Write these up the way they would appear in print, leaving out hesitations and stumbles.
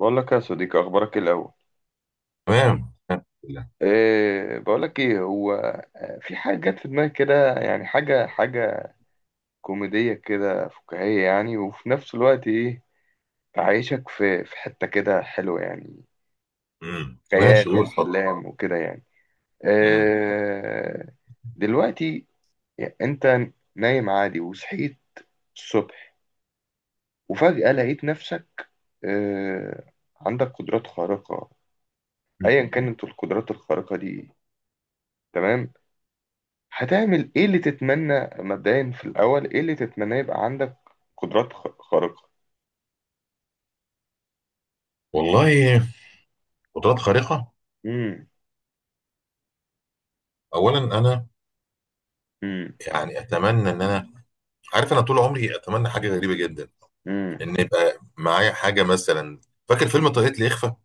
بقول لك يا صديقي، اخبارك إيه الاول؟ تمام الحمد لله. إيه، بقول لك ايه هو. في حاجه جت في دماغي كده، يعني حاجه حاجه كوميديه كده فكاهيه، يعني وفي نفس الوقت ايه، تعيشك في حته كده حلوه، يعني ماشي، خيال قول اتفضل. واحلام وكده يعني. امم إيه دلوقتي، يعني انت نايم عادي وصحيت الصبح وفجاه لقيت نفسك، إيه، عندك قدرات خارقه. ايا كانت القدرات الخارقه دي، تمام، هتعمل ايه اللي تتمنى مبدئيا في الاول؟ ايه اللي تتمنى يبقى عندك قدرات خارقة؟ والله قدرات خارقه. امم. اولا انا امم. يعني اتمنى ان انا عارف، انا طول عمري اتمنى حاجه غريبه جدا، امم. ان يبقى معايا حاجه مثلا. فاكر فيلم طريقه الاخفاء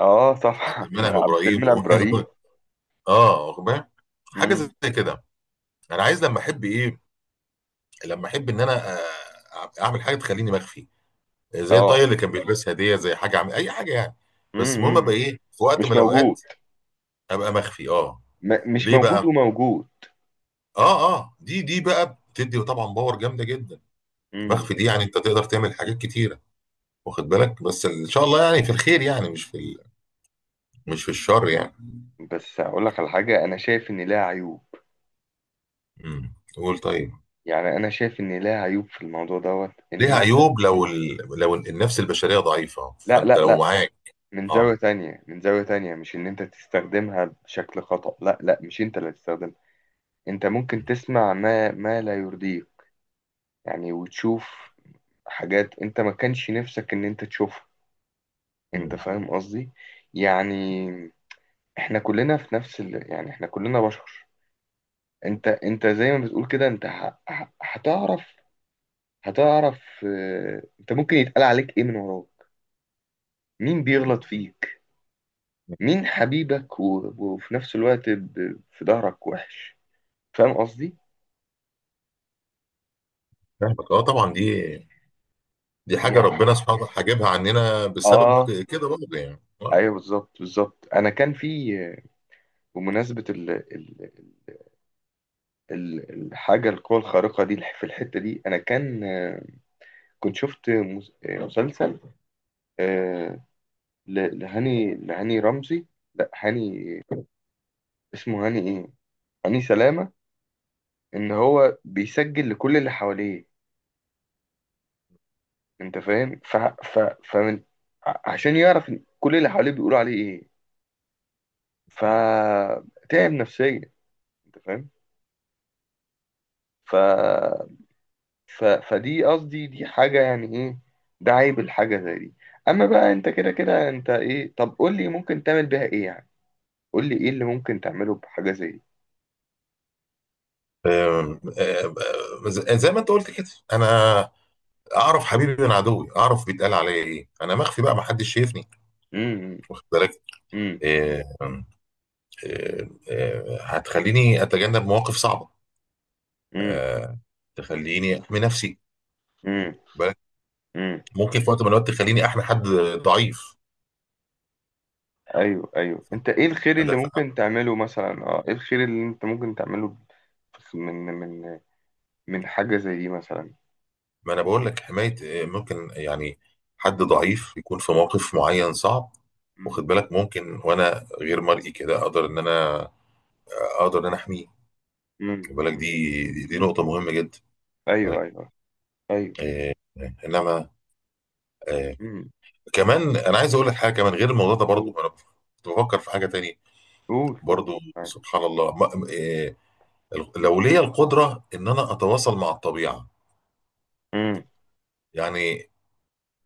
اه بتاع صح. عبد المنعم عبد ابراهيم المنعم و... ابراهيم. اه واخد بالك؟ حاجه امم. زي كده. انا عايز لما احب ايه، لما احب ان انا اعمل حاجه تخليني مخفي، زي الطاقيه اه. اللي كان بيلبسها دي، زي حاجه اي حاجه يعني. بس المهم ابقى امم. ايه في وقت من مش موجود. الاوقات، ابقى مخفي. اه، مش ليه موجود بقى؟ وموجود. اه اه، دي بقى بتدي طبعا باور جامده جدا. امم. مخفي دي يعني انت تقدر تعمل حاجات كتيره، واخد بالك؟ بس ان شاء الله يعني في الخير، يعني مش في الشر يعني. بس اقول لك على حاجة، انا شايف ان لها عيوب. قول طيب. يعني انا شايف ان لها عيوب في الموضوع دوت، ان ليها انت. عيوب، لو النفس البشريه ضعيفه، لا فانت لا لو لا، معاك من زاوية اه. تانية، من زاوية تانية. مش ان انت تستخدمها بشكل خطأ، لا لا، مش انت اللي هتستخدمها. انت ممكن تسمع ما لا يرضيك، يعني وتشوف حاجات انت ما كانش نفسك ان انت تشوفها. انت مم. فاهم قصدي؟ يعني احنا كلنا في نفس يعني احنا كلنا بشر. انت زي ما بتقول كده، انت هتعرف، هتعرف، اه، انت ممكن يتقال عليك ايه من وراك، مين بيغلط فيك، مين حبيبك، وفي نفس الوقت، في ظهرك وحش. فاهم قصدي؟ فاهمك، اه طبعا، دي حاجه يعني ربنا سبحانه وتعالى حاجبها عننا بسبب اه، كده برضه يعني آه. ايوه، بالظبط بالظبط. انا كان في، بمناسبة ال ال ال الحاجة، القوة الخارقة دي في الحتة دي أنا كان، كنت شفت مسلسل، آه، لهاني رمزي. لا هاني، اسمه هاني إيه، هاني سلامة. إن هو بيسجل لكل اللي حواليه، أنت فاهم؟ ف ف فمن، عشان يعرف إن كل اللي حواليه بيقولوا عليه إيه، فتعب نفسيا. أنت فاهم؟ ف فدي قصدي، دي حاجة يعني ايه، ده عيب الحاجة زي دي. اما بقى انت كده كده انت ايه، طب قول لي ممكن تعمل بيها ايه يعني؟ قول لي ايه اللي ممكن تعمله بحاجة زي دي؟ آم، آم، آم، زي زي ما انت قلت كده، انا اعرف حبيبي من عدوي، اعرف بيتقال عليا ايه، انا مخفي بقى، ما حدش شايفني، امم. واخد بالك؟ امم. آه، هتخليني اتجنب مواقف صعبه. امم. آه، تخليني احمي نفسي، امم. واخد بالك؟ امم. ممكن في وقت من الاوقات تخليني احمي حد ضعيف، ايوه ايوه، انت ايه الخير اللي ادافع ممكن عنه. تعمله مثلا؟ اه، ايه الخير اللي انت ممكن تعمله من من من حاجة زي دي مثلا؟ ما انا بقول لك حمايه. ممكن يعني حد ضعيف يكون في موقف معين صعب، امم. واخد بالك؟ ممكن وانا غير مرئي كده اقدر ان انا اقدر ان انا احميه، امم. واخد بالك؟ امم. دي نقطه مهمه جدا، واخد ايوه بالك؟ ايوه ايوه. آه، انما آه، امم. كمان انا عايز اقول لك حاجه كمان غير الموضوع ده، قول برضه انا كنت بفكر في حاجه تانية. قول قول. برضو أيوة. سبحان الله، ما إيه، لو ليا القدرة إن أنا أتواصل مع الطبيعة. امم. يعني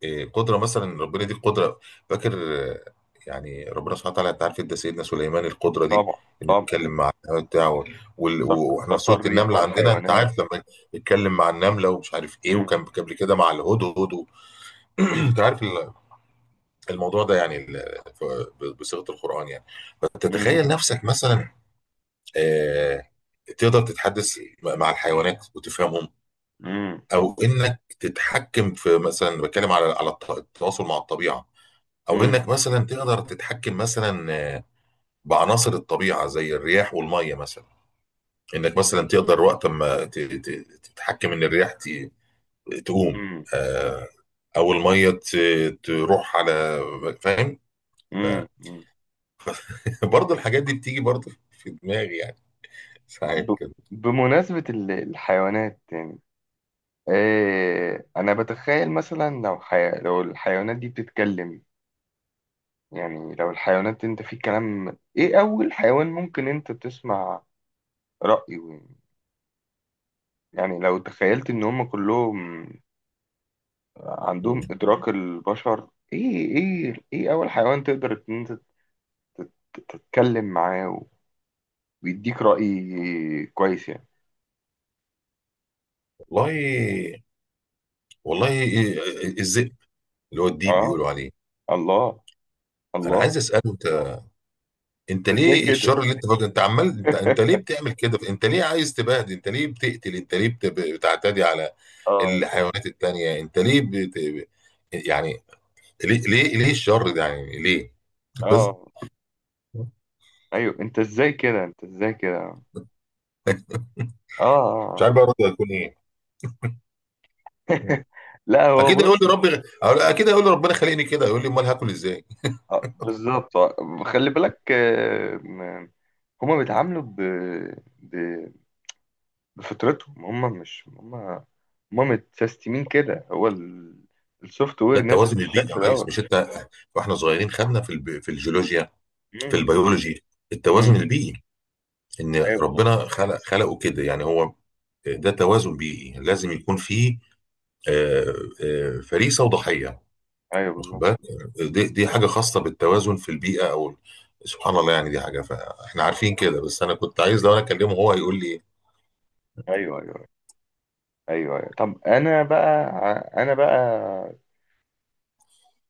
إيه قدرة مثلا، ربنا دي قدرة، فاكر؟ آه، يعني ربنا سبحانه وتعالى، أنت عارف أنت سيدنا سليمان القدرة دي، طبعا. إنه طبعا. يتكلم مع النمل بتاعه. صخ وإحنا في صخر سورة الريح النملة عندنا، أنت والحيوانات. عارف، لما يتكلم مع النملة ومش عارف إيه، مم. وكان قبل كده مع الهدهد مم. أنت عارف الموضوع ده، بصيغة القرآن يعني. مم. فتتخيل نفسك مثلا آه، تقدر تتحدث مع الحيوانات وتفهمهم، مم. او انك تتحكم في، مثلا بتكلم على التواصل مع الطبيعه، او مم. انك مثلا تقدر تتحكم مثلا بعناصر الطبيعه زي الرياح والميه مثلا. انك مثلا تقدر وقت ما تتحكم ان الرياح تقوم مم. آه، او الميه تروح على، فاهم؟ مم. مم. برضه الحاجات دي بتيجي برضه في دماغي، يعني ساعات ب- كده. بمناسبة الحيوانات يعني، إيه أنا بتخيل مثلا، لو لو الحيوانات دي بتتكلم، يعني لو الحيوانات، أنت في كلام، إيه أول حيوان ممكن أنت تسمع رأيه يعني لو تخيلت إن هم كلهم مم. عندهم إدراك البشر، إيه أول حيوان تقدر إن أنت تتكلم معاه، ويديك رأي كويس يعني؟ والله والله اللي هو الديب آه، بيقولوا عليه، الله، انا الله. عايز اساله، انت ازاي ليه كده؟ الشر اللي انت فاكره، انت عمال، انت ليه بتعمل كده؟ انت ليه عايز تبهدل؟ انت ليه بتقتل؟ انت ليه بتعتدي على اه الحيوانات التانية؟ انت ليه بت... يعني ليه ليه ليه الشر ده يعني ليه؟ بس. اه، ايوه، انت ازاي كده؟ انت ازاي كده؟ اه. مش آه. عارف بقى رده هتكون ايه. مم. لا، هو اكيد هيقول بص، لي ربي، اكيد هيقول لي ربنا خلقني كده، يقول لي امال هاكل ازاي؟ بالظبط، خلي بالك، هما بيتعاملوا ب... بفطرتهم. هما مش هما، هما متسيستمين كده، هو السوفت ده وير نازل التوازن البيئي بالشكل يا دوت. ريس، مش انت واحنا صغيرين خدنا في في الجيولوجيا، في مم. البيولوجي، التوازن مم. البيئي، ان ايوه بالظبط، ربنا خلق خلقه كده يعني. هو ده توازن بيئي لازم يكون فيه آه، فريسه وضحيه، ايوه واخد بالظبط، بالك؟ دي, حاجه خاصه بالتوازن في البيئه، او سبحان الله يعني. دي حاجه فاحنا عارفين كده، بس انا كنت عايز لو انا اكلمه هو هيقول لي ايه. ايوه ايوه ايوه ايوه، طب انا بقى، انا بقى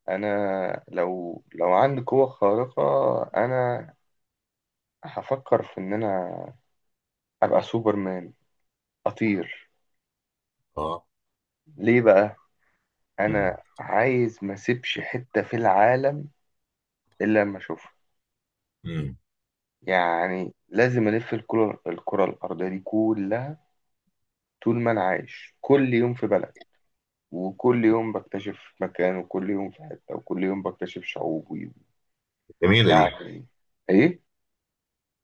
انا لو عندي قوة خارقة، انا هفكر في ان انا ابقى سوبرمان، اطير. اه. ليه بقى؟ امم انا عايز ما اسيبش حتة في العالم الا لما اشوفها، امم. يعني لازم الف الكرة الارضية دي كلها. طول ما انا عايش، كل يوم في بلد، وكل يوم بكتشف مكان، وكل يوم في حتة، وكل يوم بكتشف شعوب، جميله دي. يعني ايه؟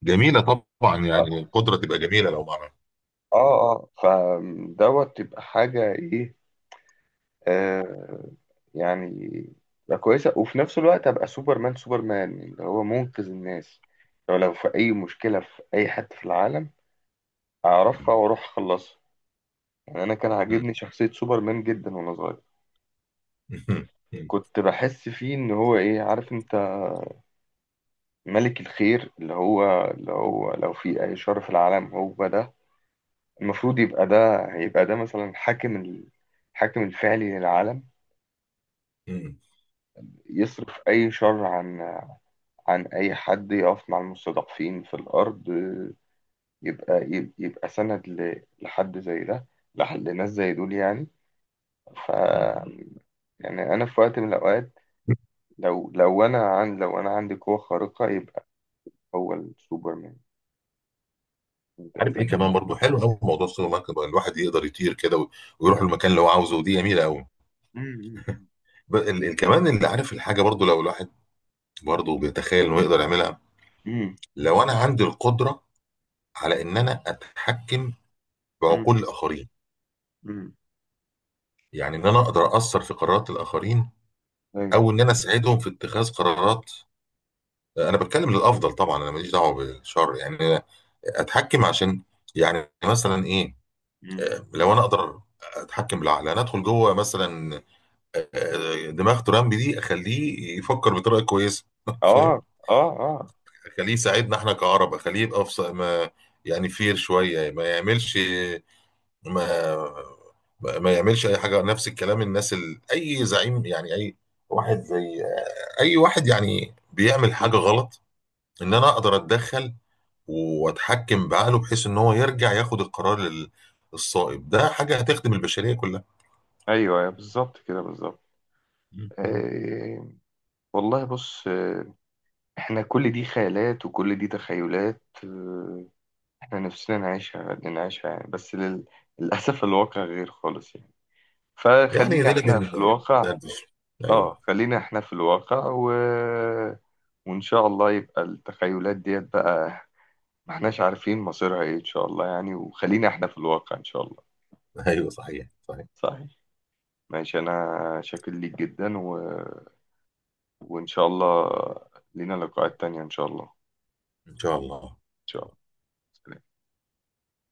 جميله طبعا اه. يعني، القدره تبقى جميله لو معنا. اه. آه. فدوت تبقى حاجة ايه، آه يعني تبقى كويسة، وفي نفس الوقت أبقى سوبرمان اللي هو منقذ الناس. لو في أي مشكلة في أي حتة في العالم، مم. أعرفها وأروح أخلصها، يعني. أنا كان مم. عاجبني شخصية سوبرمان جدا وأنا صغير، مم. كنت بحس فيه إن هو إيه، عارف أنت، ملك الخير، اللي هو لو في أي شر في العالم، هو ده المفروض يبقى، ده هيبقى ده مثلا حاكم الحاكم الفعلي للعالم. مم. يصرف أي شر عن أي حد، يقف مع المستضعفين في الأرض، يبقى، يبقى سند لحد زي ده، لناس زي دول يعني. ف، مم. يعني أنا في وقت من الأوقات، لو أنا عن لو أنا عندي قوة خارقة، يبقى هو السوبرمان. أنت عارف أنت ايه كمان برضو فاهم؟ حلو قوي، موضوع السوبر ماركت بقى، الواحد يقدر يطير كده ويروح المكان اللي هو عاوزه، ودي جميله قوي. مم. كمان اللي عارف الحاجه برضو، لو الواحد برضو بيتخيل انه يقدر يعملها. مم. لو انا عندي القدره على ان انا اتحكم مم. بعقول الاخرين، مم. يعني ان انا اقدر اثر في قرارات الاخرين، مم. او ان انا اساعدهم في اتخاذ قرارات. انا بتكلم للافضل طبعا، انا ماليش دعوه بالشر يعني. أنا اتحكم عشان، يعني مثلا ايه، مم. لو انا اقدر اتحكم بالعقل، انا ادخل جوه مثلا دماغ ترامب دي، اخليه يفكر بطريقه كويسه فاهم؟ اه اه اه. خليه يساعدنا احنا كعرب، خليه يبقى في ما يعني فير شويه، ما يعملش، ما ما يعملش اي حاجه، نفس الكلام. اي زعيم يعني، اي واحد زي اي واحد يعني بيعمل حاجه مم. غلط، ان انا اقدر اتدخل واتحكم بعقله بحيث ان هو يرجع ياخد القرار الصائب. ده حاجه هتخدم البشريه كلها، ايوه، أيوة، بالظبط كده، بالظبط. آه، والله، بص، احنا كل دي خيالات وكل دي تخيلات، احنا نفسنا نعيشها، نعيشها، يعني بس للأسف الواقع غير خالص يعني. يعني. فخلينا دي احنا لازم- في ده- الواقع. ده- ايوه، اه، خلينا احنا في الواقع، وإن شاء الله يبقى التخيلات ديت بقى، ما احناش عارفين مصيرها ايه إن شاء الله، يعني وخلينا احنا في الواقع إن شاء الله. ايوه صحيح صحيح، صحيح. ماشي، أنا شاكر ليك جدا، وإن شاء الله لينا لقاءات تانية إن شاء الله، إن ان شاء الله. شاء الله. سلام.